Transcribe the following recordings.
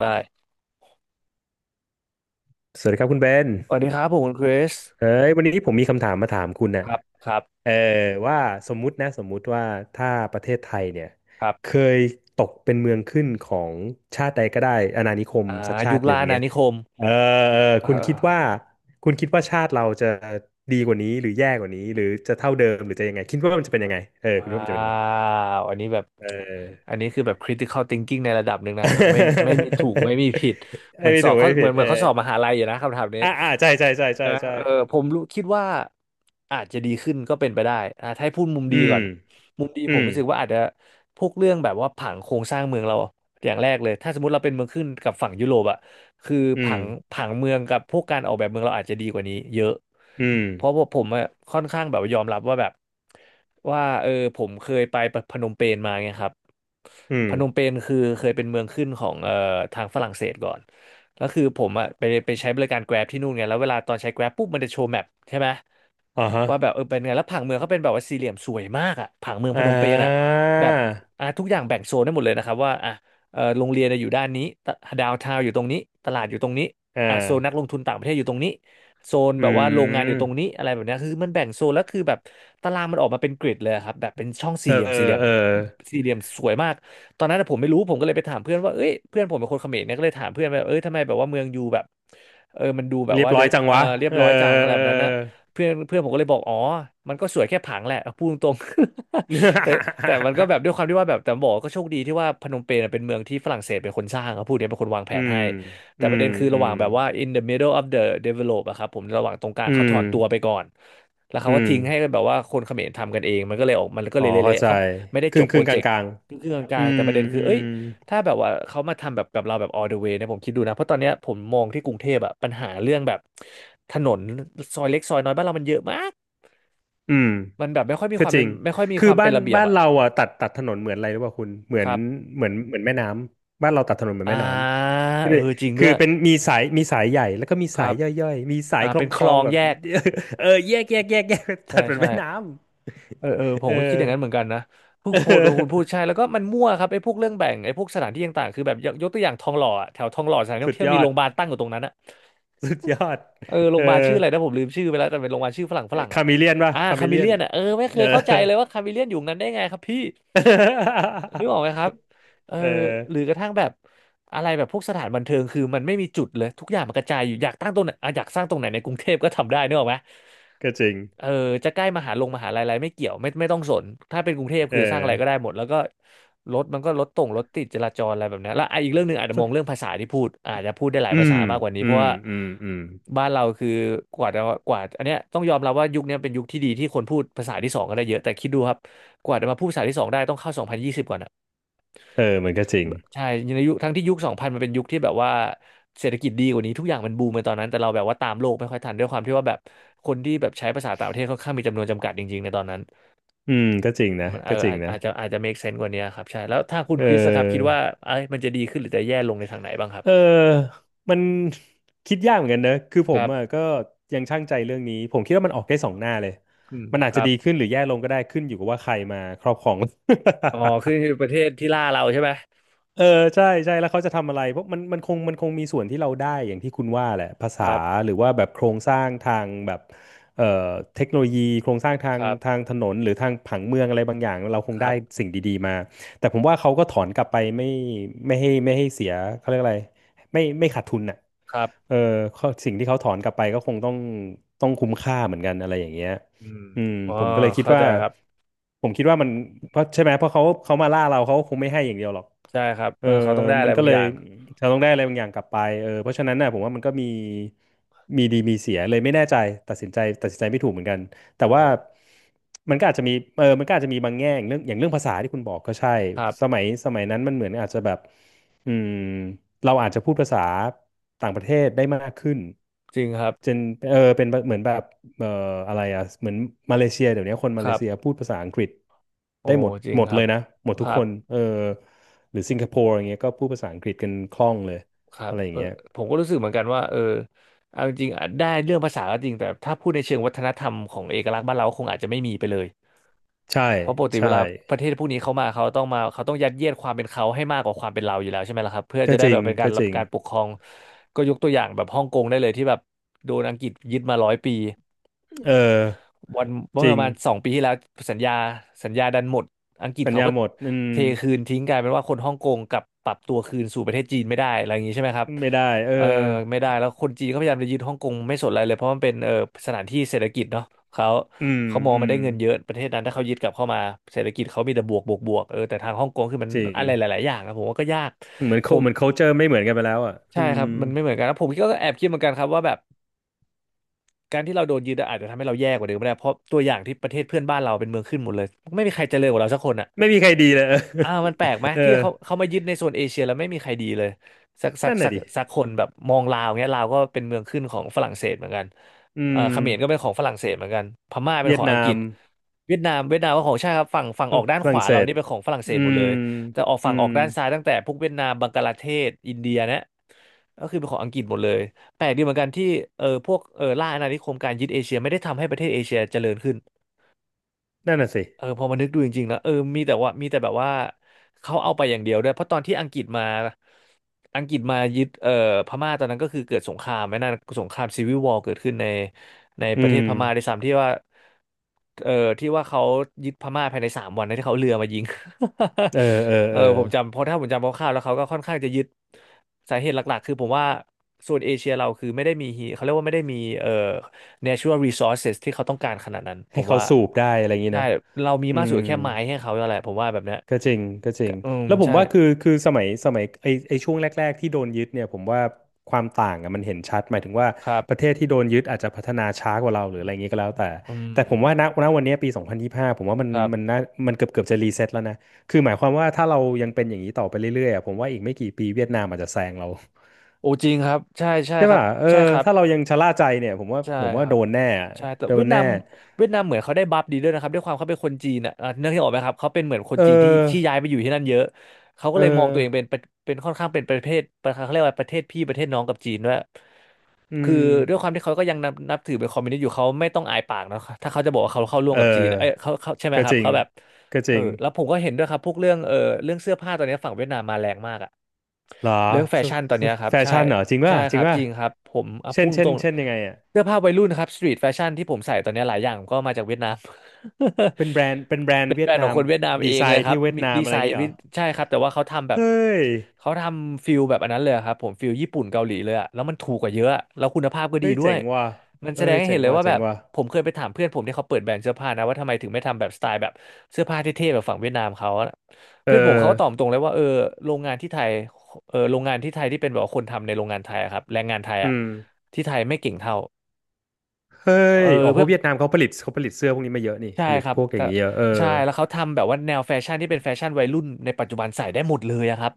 ได้สวัสดีครับคุณเบนสวัสดีครับผมคุณคริสเอ้ยวันนี้ผมมีคำถามมาถามคุณคนะรับครับเออว่าสมมุตินะสมมุติว่าถ้าประเทศไทยเนี่ยครัเคบยตกเป็นเมืองขึ้นของชาติใดก็ได้อาณานิคมอ่าสักชายุคติหนึ่ล่างอาณาเนี้ยนิคมเออเออเอคุณคิดว่าอคุณคิดว่าชาติเราจะดีกว่านี้หรือแย่กว่านี้หรือจะเท่าเดิมหรือจะยังไงคิดว่ามันจะเป็นยังไงเออคุณคิดว้าว่ามันจะเป็นยังไงวเออันอ นี้คือแบบ critical thinking ในระดับหนึ่งนะแบบไม่มีถูกไม่มีผิดเหมื อนไม่สอถูบกเขาไม่เหมืผิอดนเหมืเอออนเขาสอบมหาลัยอยู่นะคำถามนี้อ่าอ่าใช่ใช่ใช่ใช่นะใช่เออผมรู้คิดว่าอาจจะดีขึ้นก็เป็นไปได้อ่ะถ้าให้พูดมุมอืดีมก่อนมุมดีอืผมมรู้สึกว่าอาจจะพวกเรื่องแบบว่าผังโครงสร้างเมืองเราอย่างแรกเลยถ้าสมมติเราเป็นเมืองขึ้นกับฝั่งยุโรปอะคืออืผัม งผังเมืองกับพวกการออกแบบเมืองเราอาจจะดีกว่านี้เยอะอืม เพราะว่าผมอะค่อนข้างแบบยอมรับว่าแบบว่าเออผมเคยไปพนมเปญมาไงครับ อืมพนมเปญคือเคยเป็นเมืองขึ้นของทางฝรั่งเศสก่อนแล้วคือผมอะไปใช้บริการ Grab ที่นู่นไงแล้วเวลาตอนใช้ Grab ปุ๊บมันจะโชว์แมปใช่ไหมอ่าฮะว่าแบบเออเป็นไงแล้วผังเมืองเขาเป็นแบบว่าสี่เหลี่ยมสวยมากอะผังเมืองพอ่นมเปญอะาแบบอ่ะทุกอย่างแบ่งโซนได้หมดเลยนะครับว่าอ่ะเออโรงเรียนอะอยู่ด้านนี้ดาวทาวอยู่ตรงนี้ตลาดอยู่ตรงนี้อ่าอ่ะโซนนักลงทุนต่างประเทศอยู่ตรงนี้ โซนอืแบบว่าโรงงานอยู่ตรงนี้มอะไรแบบเนี้ยคือมันแบ่งโซนแล้วคือแบบตารางมันออกมาเป็นกริดเลยครับแบบเป็นช่องเอสี่เหอลี่ยมสี่เหลี่ยมเออสี่เหลี่ยมสวยมากตอนนั้นผมไม่รู้ผมก็เลยไปถามเพื่อนว่าเอ้ยเพื่อนผมเป็นคนเขมรเนี่ยก็เลยถามเพื่อนว่าเอ้ยทำไมแบบว่าเมืองยูแบบเออมันดูแบบเรียบว่าเดร้อยนจังวะเรียบเออร้อยจังอะไรเอแบอ บนั้นนะเพื่อนเพื่อนผมก็เลยบอกอ๋อมันก็สวยแค่ผังแหละพูดตรงๆ แต่แต่มันก็แบบ ด้วยความที่ว่าแบบแต่บอกก็โชคดีที่ว่าพนมเปญน่ะเป็นเมืองที่ฝรั่งเศสเป็นคนสร้างครับพูดเนี้ยเป็นคนวางแผอืนมให้ แต่อืประมเด็นคืออืระหว่ามงแบบว่า in the middle of the develop อะครับผมระหว่างตรงกลางอืเขาถมอนตัวไปก่อนแล้วเขาอืก็มทิ้งให้แบบว่าคนเขมรทำกันเองมันก็เลยออกมันก็อ๋เลอยเข้าเละๆใจเขาไม่ได้คจรึ่บงคโปรรึ่งกเจลางกกต์ลางครึ่งๆกๆอืลางๆมแต่ประเด็นคืออืเอ้มยถ้าแบบว่าเขามาทำแบบกับเราแบบ all the way เนี่ยผมคิดดูนะเพราะตอนเนี้ยผมมองที่กรุงเทพอะปัญหาเรื่องแบบถนนซอยเล็กซอยน้อยบ้านเรามันเยอะมากอืม มันแบบไม่ค่อยมีคก็วามจเป็นริง ไม่ค่อยมีคคือวามบ้าเป็นนระเบียบบ้านอะเราอ่ะตัดถนนเหมือนอะไรหรือเปล่าคุณเหมือคนรับเหมือนเหมือนแม่น้ำบ้านเราตัดถนนเหมือนอ่าแม่น้ำคืเอออจริงด้คือวยเป็นมีสายใหญ่แล้วก็มีคสารัยบย่อยๆมีสายอ่าคลอเป็งนคคลลอองงแบบ แยก เออแยก ตัใช่ดเหมือนใช่ แม่น้ำ เออเออผ เอมอ ก็คิดอย่างนั้นเหมือนกันนะเพิ่ เงโพสต์โดนคุณพูดออใช่แล้วก็มันมั่วครับไอ้พวกเรื่องแบ่งไอ้พวกสถานที่ต่างๆคือแบบยกตัวอย่างทองหล่ออะแถวทองหล่อสถานที่ท่อสุงดเที่ยยวมีอโรดงพยาบาลตั้งอยู่ตรงนั้นอะสุดยอดเออโรเองอพยาบาลชื่ออะไรนะผมลืมชื่อไปแล้วแต่เป็นโรงพยาบาลชื่อฝรั่งคาอะมิเลียนป่ะอ่าคาคามิเมเลียเลีนยนอะเออไม่เคเอยอ เข้าใจเลยว่าคาเมเลียนอยู่นั้นได้ไงครับพี่นึกออกไหมครับ เออเอหรืออกระทั่งแบบอะไรแบบพวกสถานบันเทิงคือมันไม่มีจุดเลยทุกอย่างมันกระจายอยู่อยากตั้งตรงไหนอ่ะอยากสร้างตรงไหนในกรุงเทพก็ทำได้นึกออกไหม ก็จริงเออจะใกล้มหาลัยอะไรไม่เกี่ยวไม่ต้องสนถ้าเป็นกรุงเทพเอคือสร้างอะไรก็ได้อหมดแล้วก็รถมันก็รถติดจราจรอะไรแบบเนี้ยแล้วอ่ะอีกเรื่องหนึ่งอาจจะมองเรื่องภาษาที่พูดอาจจะพูดได้หลายอืภาษามมากกว่านี้อืเพราะมว่าอืมอืม บ้านเราคือกว่าจะกว่าอันเนี้ยต้องยอมรับว่ายุคเนี้ยเป็นยุคที่ดีที่คนพูดภาษาที่สองกันได้เยอะแต่คิดดูครับกว่าจะมาพูดภาษาที่สองได้ต้องเข้า2020ก่อนะ เออมันก็จริง ใช่ในยุคทั้งที่ยุคสองพันมันเป็นยุคที่แบบว่าเศรษฐกิจดีกว่านี้ทุกอย่างมันบูมในตอนนั้นแต่เราแบบว่าตามโลกไม่ค่อยทันด้วยความที่ว่าแบบคนที่แบบใช้ภาษาต่างประเทศค่อนข้างมีจำนวนจำกัดจริงๆในตอนนั้นอืมก็จริงนะมันเออก็จริงนะอาจจะ make sense กว่านี้ครับใช่แล้วถ้าคุณเคริสอะครับคิดออว่าเอ้ยมันจะดีขึ้นหรือจะแย่ลงในทางไหนบ้างครับเออมันคิดยากเหมือนกันนะคือผคมรัอ่ะบก็ยังชั่งใจเรื่องนี้ผมคิดว่ามันออกได้สองหน้าเลยอืมมันอาจคจะรับดีขึ้นหรือแย่ลงก็ได้ขึ้นอยู่กับว่าใครมาครอบครอง อ๋อคือ ประเทศที่ล่าเราใช่ไหมเออใช่ใช่แล้วเขาจะทำอะไรเพราะมันคงมีส่วนที่เราได้อย่างที่คุณว่าแหละภาคษารับหรือว่าแบบโครงสร้างทางแบบเอ่อเทคโนโลยีโครงสร้างทาคงรัทาบงถนนหรือทางผังเมืองอะไรบางอย่างเราคงคได้รับสิ่งดีๆมาแต่ผมว่าเขาก็ถอนกลับไปไม่ให้ไม่ให้เสียเขาเรียกอะไรไม่ขาดทุนน่ะครัเออบเขาสิ่งที่เขาถอนกลับไปก็คงต้องคุ้มค่าเหมือนกันอะไรอย่างเงี้ย อืมอืมอ๋อผมก็เลยคิดเข้าใจว่าครับผมคิดว่ามันเพราะใช่ไหมเพราะเขามาล่าเราเขาคงไม่ให้อย่างเดียวหรอกใช่ครับเอเอออเขาต้องได้อะมัไรนก็บางเลอยย่างเราต้องได้อะไรบางอย่างกลับไปเออเพราะฉะนั้นน่ะผมว่ามันก็มีมีดีมีเสียเลยไม่แน่ใจตัดสินใจไม่ถูกเหมือนกันแต่ว่าเออมันก็อาจจะมีเออมันก็อาจจะมีบางแง่อย่างเรื่องอย่างเรื่องภาษาที่คุณบอกก็ใช่ครัสบมัยสมัยนั้นมันเหมือนอาจจะแบบอืมเราอาจจะพูดภาษาต่างประเทศได้มากขึ้นจริงครับจนเออเป็นเหมือนแบบ เอ่ออะไรอ่ะเหมือนมาเลเซียเดี๋ยวนี้คนคมาเลรับ เซียพูดภาษาอังกฤษโอ้ได้หมดจริงหมดครัเลบยนะหมดทุคกรัคบนเออหรือสิงคโปร์อย่างเงี้ยก็พูดภาษาอังกฤษกันคล่องเลยครัอะบไรอย่าเองอเงี้ยผมก็รู้สึกเหมือนกันว่าเอาจริงๆอาจได้เรื่องภาษาก็จริงแต่ถ้าพูดในเชิงวัฒนธรรมของเอกลักษณ์บ้านเราคงอาจจะไม่มีไปเลยใช่เพราะปกติเวใช่ลาประเทศพวกนี้เขามาเขาต้องมาเขาต้องยัดเยียดความเป็นเขาให้มากกว่าความเป็นเราอยู่แล้วใช่ไหมล่ะครับเพื่อจะก็ได้จริแบงบเป็นกาก็รรัจบริงการปกครองก็ยกตัวอย่างแบบฮ่องกงได้เลยที่แบบโดนอังกฤษยึดมา100 ปี เออวันเมื่อจปริงระมาณ2 ปีที่แล้วสัญญาสัญญาดันหมดอังกฤษสัญเขาญาก็หมดอืเทมคืนทิ้งกลายเป็นว่าคนฮ่องกงกลับปรับตัวคืนสู่ประเทศจีนไม่ได้อะไรอย่างนี้ใช่ไหมครับไม่ได้เออเออไม่ได้แล้วคนจีนเขาพยายามจะยึดฮ่องกงไม่สนอะไรเลยเพราะมันเป็นสถานที่เศรษฐกิจเนาะเขาอืมเขามองอืมันมได้เงินเยอะประเทศนั้นถ้าเขายึดกลับเข้ามาเศรษฐกิจเขามีแต่บวกบวกบวกแต่ทางฮ่องกงคือมันจริงอะไรหลายๆอย่างอะผมว่าก็ยากเหมือน ผ มเหมือน culture ไม่เหมือนกันไปแล้วอ่ะอืใช่ครัมบมันไม่เหมือนกันแล้วผมก็แอบคิดเหมือนกันครับว่าแบบ การที่เราโดนยึดอะอาจจะทำให้เราแย่กว่าเดิมก็ได้เพราะตัวอย่างที่ประเทศเพื่อนบ้านเราเป็นเมืองขึ้นหมดเลยไม่มีใครเจริญกว่าเราสักคนอะ ไม่มีใครดีเลย อ่ามันแปลกไหม เอที่อเขามายึดในโซนเอเชียแล้วไม่มีใครดีเลยสักสักนั่นสัน่ะกดิสักคนแบบมองลาวเงี้ยลาวก็เป็นเมืองขึ้นของฝรั่งเศสเหมือนกันอืมเขมรก็เป็นของฝรั่งเศสเหมือนกันพม่าเป็นเวียขดองนาอังกฤม ษเวียดนามก็ของใชาติครับฝั่งออก ด้านฝขรั่งวาเศเราสนี่เป็นของฝรั่งเศอืสหมดมเลยแต่ออกอืฝั่งออม กด้านซ้ายตั้งแต่พวกเวียดนามบังกลาเทศอินเดียเนี่ยก็คือเป็นของอังกฤษหมดเลยแปลกดีเหมือนกันที่พวกล่าอาณานิคมการยึดเอเชียไม่ได้ทำให้ประเทศเอเชียเจริญขึ้น นั่นน่ะสิเออพอมานึกดูจริงๆแล้วมีแต่ว่ามีแต่แบบว่าเขาเอาไปอย่างเดียวด้วยเพราะตอนที่อังกฤษมาอังกฤษมายึดพม่าตอนนั้นก็คือเกิดสงครามไหมนั่นสงครามซีวิลวอร์เกิดขึ้นในอืประเทศมพม่าในสามที่ว่าเออที่ว่าเขายึดพม่าภายใน3 วันนะที่เขาเอาเรือมายิง เออเออ เออเออผมจำเพราะถ้าผมจำคร่าวๆแล้วเขาก็ค่อนข้างจะยึดสาเหตุหลักๆคือผมว่าโซนเอเชียเราคือไม่ได้มีฮีเขาเรียกว่าไม่ได้มีnatural resources ที่เขาต้องการขนาดนั้นผให้มเขาว่าสูบได้อะไรอย่างนี้ใช่นะ เรามีอืมากสุม ดแค่ไม้ให้เขาแล้วแหละผมว่าแบบเนี้ยก็จริง ก็จริง อืมแล้วผมใช่ว่าคือคือสมัย สมัยไอไอช่วงแรกๆที่โดนยึดเนี่ยผมว่าความต่างอะมันเห็นชัดหมายถึงว่าครัประเทบศที่โดนยึดอาจจะพัฒนาช้ากว่าเราหรืออะไรอย่างนี้ก็แล้วแต่ อืมแต่ผมว่าณณวันนี้ปี2025ผมว่ามันครับมันน่ามันเกือบจะรีเซ็ตแล้วนะคือหมายความว่าถ้าเรายังเป็นอย่างนี้ต่อไปเรื่อยๆอะผมว่าอีกไม่กี่ปีเวียดนามอาจจะแซงเรา โอ้จริงครับใช่ใช่ใช่ครับป่ะเออใช่ครับถ้าเรายังชะล่าใจเนี่ยผมว่าใช่ผมคว่ารัโดบนแน่อะใช่แต่โดเวียนดนาแน่มเหมือนเขาได้บัฟดีด้วยนะครับด้วยความเขาเป็นคนจีนอ่ะเนื่องที่ออกไหมครับเขาเป็นเหมือนคนเจีนที่ที่ออย้ายไปอยู่ที่นั่นเยอะเขาก็เออเลยมองตัวเองเป็นค่อนข้างเป็นประเทศประเขาเรียกว่าประเทศพี่ประเทศน้องกับจีนด้วย อืคือด้วยความมที่เขาก็ยังนับถือเป็นคอมมิวนิสต์อยู่เขาไม่ต้องอายปากนะถ้าเขาจะบอกว่าเขาเข้าร่วมเอกับจีนอนะเอ้ยเขาใช่ไหมก็ครัจบริงเขาแบบก็จเออริงแล้วผมก็เห็นด้วยครับพวกเรื่องเสื้อผ้าตอนนี้ฝั่งเวียดนามมาแรงมากอะ เหรอเรื่องแฟสชั่นตอนสเนี้ยครับแฟใช่ชั่นเหรอจริงใช่ป่ะคจริรังบป่ะจริงครับผมอ่ะเช่พูนดเช่ตนรงเช่นยังไงอ่ะๆเสื้อผ้าวัยรุ่นนะครับสตรีทแฟชั่นที่ผมใส่ตอนเนี้ยหลายอย่างก็มาจากเวียดนาม เป็นแบรนด์เป็นแบร นเป็ด์นเวีแบยรดนด์ขอนางมคนเวียดนามดีเองไซเลยน์ครัที่บเวียดมีนามดีอะไซไรอย่างน์งี้เหวิรอใช่ครับแต่ว่าเขาทำแบบเฮ้ยเขาทำฟิลแบบอันนั้นเลยครับผมฟิลญี่ปุ่นเกาหลีเลยอะแล้วมันถูกกว่าเยอะอะแล้วคุณภาพก็ดีเฮ้ยด้วเจ๋ยงว่ะมันแสเฮ้ดงยให้เจ๋เห็นงเลยว่ะว่าเจ๋แบงบว่ะผมเคยไปถามเพื่อนผมที่เขาเปิดแบรนด์เสื้อผ้านะว่าทำไมถึงไม่ทำแบบสไตล์แบบเสื้อผ้าเท่ๆแบบฝั่งเวียดนามเขา เอเพื่อนผมเขาอก็ตอบตรงเลยว่าเออโรงงานที่ไทยเออโรงงานที่ไทยที่เป็นแบบว่าคนทำในโรงงานไทยอะครับแรงงานไทยอ่ะอืมที่ไทยไม่เก่งเท่าเฮ้เอยออ๋อเพเพื่อราะน เวียดนามเขาผลิตเสื้อพวกนี้มาเยอะนี่ใช่ผลิตครับพวกอแต่ย่างนี้เยอะเออ ใช่แล้วเขาทำแบบว่าแนวแฟชั่นที่เป็นแฟชั่นวัยรุ่นในปัจจุบันใส่ได้หมดเลยอะครับ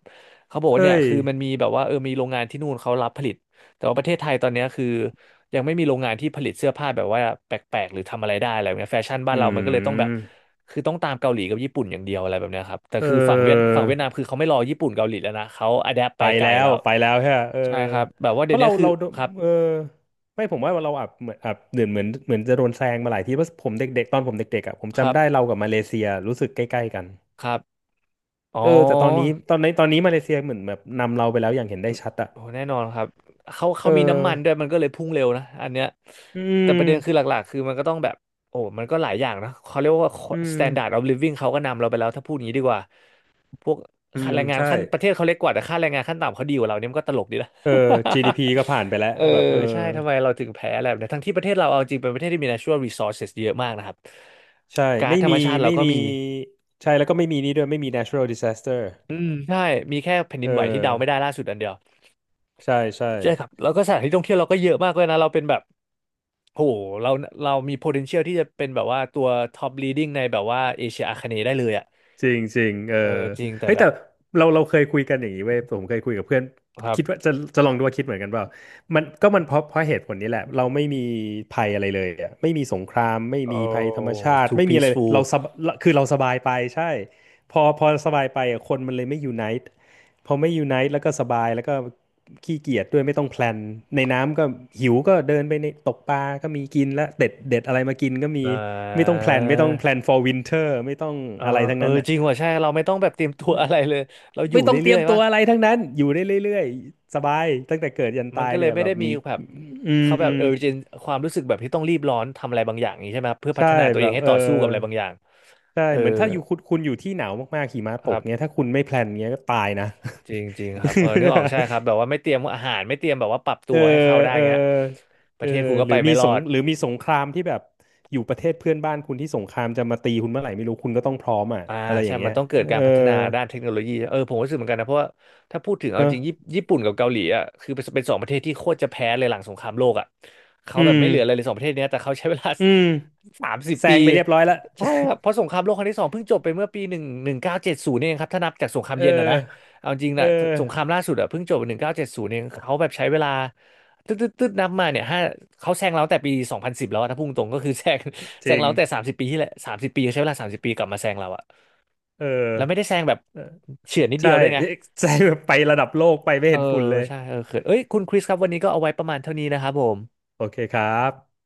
เขาบอกว่าเนี่ยเฮ้ยคือมันมีแบบว่าเออมีโรงงานที่นู่นเขารับผลิตแต่ว่าประเทศไทยตอนเนี้ยคือยังไม่มีโรงงานที่ผลิตเสื้อผ้าแบบว่าแปลกๆหรือทำอะไรได้อะไรแบบเนี้ยแฟชั่นบ้าอืนเรามันก็เลยต้องแบบมคือต้องตามเกาหลีกับญี่ปุ่นอย่างเดียวอะไรแบบเนี้ยครับแต่เอคืออ ฝั่งเวียดนามคือเขาไม่รอญี่ปุ่นเกาหลีแล้วนะเขาอะแดปไปไปไกลแล้แล้ววไปแล้วใช่ปะเออใช่ครับแบบว่าเพเดี๋ยราะวนี้เราคือเราครับเออไม่ผมว่าเราอับเหมือนอับเหมือนเหมือนเหมือนจะโดนแซงมาหลายทีเพราะผมเด็กๆตอนผมเด็กๆอ่ะผมครัจำได้เราบกับมาเลเซียรู้สึกใกล้ๆกันครับอ๋อ เออแต่ตอนนี้ตอนนี้มาเลเซียเหมือนแบบนำเราไปแล้วอย่างเห็นได้ชัดอ่ะโอ้แน่นอนครับเขาเอเขาอมีน้ำมันด้วยมันก็เลยพุ่งเร็วนะอันเนี้ยอืแต่ประเด็นคือหมลักๆคือมันก็ต้องแบบโอ้มันก็หลายอย่างนะเขาเรียกว่า อืม standard of living เขาก็นำเราไปแล้วถ้าพูดอย่างนี้ดีกว่าพวกอืค่ามแรงงานใช่ขั้นประเทศเขาเล็กกว่าแต่ค่าแรงงานขั้นต่ำเขาดีกว่าเราเนี่ยมันก็ตลกดีนะ เออ GDP ก็ผ่านไปแล้ว เออแบบเออใช่ทำไมเราถึงแพ้อะไรแบบนี้ทั้งที่ประเทศเราเอาจริงเป็นประเทศที่มี natural resources เยอะมากนะครับใช่ก๊าซไม่ธรรมีมชาติเราไม่ก็มีมีใช่แล้วก็ไม่มีนี่ด้วยไม่มี natural disaster อืมใช่มีแค่แผ่นดิเอนไหวที่เดาไม่ได้อล่าสุดอันเดียวใช่ใช่ใช่ครับแล้วก็สถานที่ท่องเที่ยวเราก็เยอะมากเลยนะเราเป็นแบบ โหเราเรามี potential ที่จะเป็นแบบว่าตัว top leading ในแบบว่าเอเชียอาคเนย์ได้เลยอ่ะจริงจริงเอเอออจริงแต่เฮ้ยแบแต่บเราเคยคุยกันอย่างนี้เว้ยผมเคยคุยกับเพื่อนครับคิดว่าจะจะลองดูว่าคิดเหมือนกันเปล่ามันก็มันเพราะเหตุผลนี้แหละเราไม่มีภัยอะไรเลยอะไม่มีสงครามไม่โอ้ มีภัยธรรมชาติ too ไม่มีอะไรเลย peaceful เราสบคือเราสบายไปใช่พอพอสบายไปอะคนมันเลยไม่ยูไนต์ พอไม่ยูไนต์แล้วก็สบายแล้วก็ขี้เกียจด้วยไม่ต้องแพลนในน้ำก็หิวก็เดินไปในตกปลาก็มีกินและเด็ดเด็ดอะไรมากินก็มีนไม่ต้องะแพลนไม่ต้องแพลน for winter ไม่ต้องเอออะไรทั้งเออนั้นอ่ะจริงว่ะใช่เราไม่ต้องแบบเตรียมตัวอะไรเลย เราอยู่ไม่ต้องเตเรื่รีอยมยๆตัวะวอะไรทั้งนั้นอยู่ได้เรื่อยๆสบายตั้งแต่เกิดยันมันตายก็เลยเนี่ยไม่แบได้บมีมีแบบอืเขาแบบมเออเจนความรู้สึกแบบที่ต้องรีบร้อนทำอะไรบางอย่างอย่างนี้ใช่ไหมครับเพื่อพัใช่ฒนาตัวแบเองบให้เออต่อสู้กับอะไรบางอย่างใช่เออเหมือนถ้าอยู่คุณคุณอยู่ที่หนาวมากๆหิมะคตรักเงี้บ ยถ้าคุณไม่แพลนเงี้ยก็ตายนะ จริงจริงครับเออนึกออกใช่ครับ แบบว่าไม่เตรียมอาหารไม่เตรียมแบบว่าปรับตัเออวให้เข้าได้เออเงี้ยปเอระอเทศคุณก็หรืไปอไม่มีรสองด หรือมีสงครามที่แบบอยู่ประเทศเพื่อนบ้านคุณที่สงครามจะมาตีคุณเมื่อไหร่ไม่รู้คุณก็ต้องพร้อมอ่ะอ่าอะไรอใช่ย่างเงี้มัยนต้องเกิดกาเออรพัฒนาด้านเทคโนโลยีเออผมก็รู้สึกเหมือนกันนะเพราะว่าถ้าพูดถึงเอาเนอะจริงญี่ปุ่นกับเกาหลีอ่ะคือเป็นสองประเทศที่โคตรจะแพ้เลยหลังสงครามโลกอ่ะเขาอืแบบมไม่เหลืออะไรเลยสองประเทศเนี้ยแต่เขาใช้เวลา อืม สามสิบแซปีงไปเรียบร้อยละใช่ครับเพราะสงครามโลกครั้งที่สองเพิ่งจบไปเมื่อปีหนึ่งเก้าเจ็ดศูนย์เองครับถ้านับจากสงครามเอเย็นอ่ะนะอเอาจริงเอนะสงคอรามล่าสุดอ่ะเพิ่งจบหนึ่งเก้าเจ็ดศูนย์เองเขาแบบใช้เวลาตึ๊ดตึ๊ดตึ๊ดนับมาเนี่ยห้าเขาแซงเราตั้งแต่ปี2010แล้วอะถ้าพุ่งตรงก็คือ แซงจแซงริงเราตั้งแต่30 ปีที่แล้วสามสิบปีใช้เวลาสามสิบปีกลับมาแซงเราอะ เออแล้วไม่ได้แซงแบบเออเฉื่อนนิดเดีใช่ ยวด้วยไง แซงแบบไประดับโลกไปไม่เออเห็นฝุ่นเลยใช่เออเขินเอ้ยคุณคริสครับวันนี้ก็เอาไว้ประมาณเท่านี้นะครับผมโอเคครับ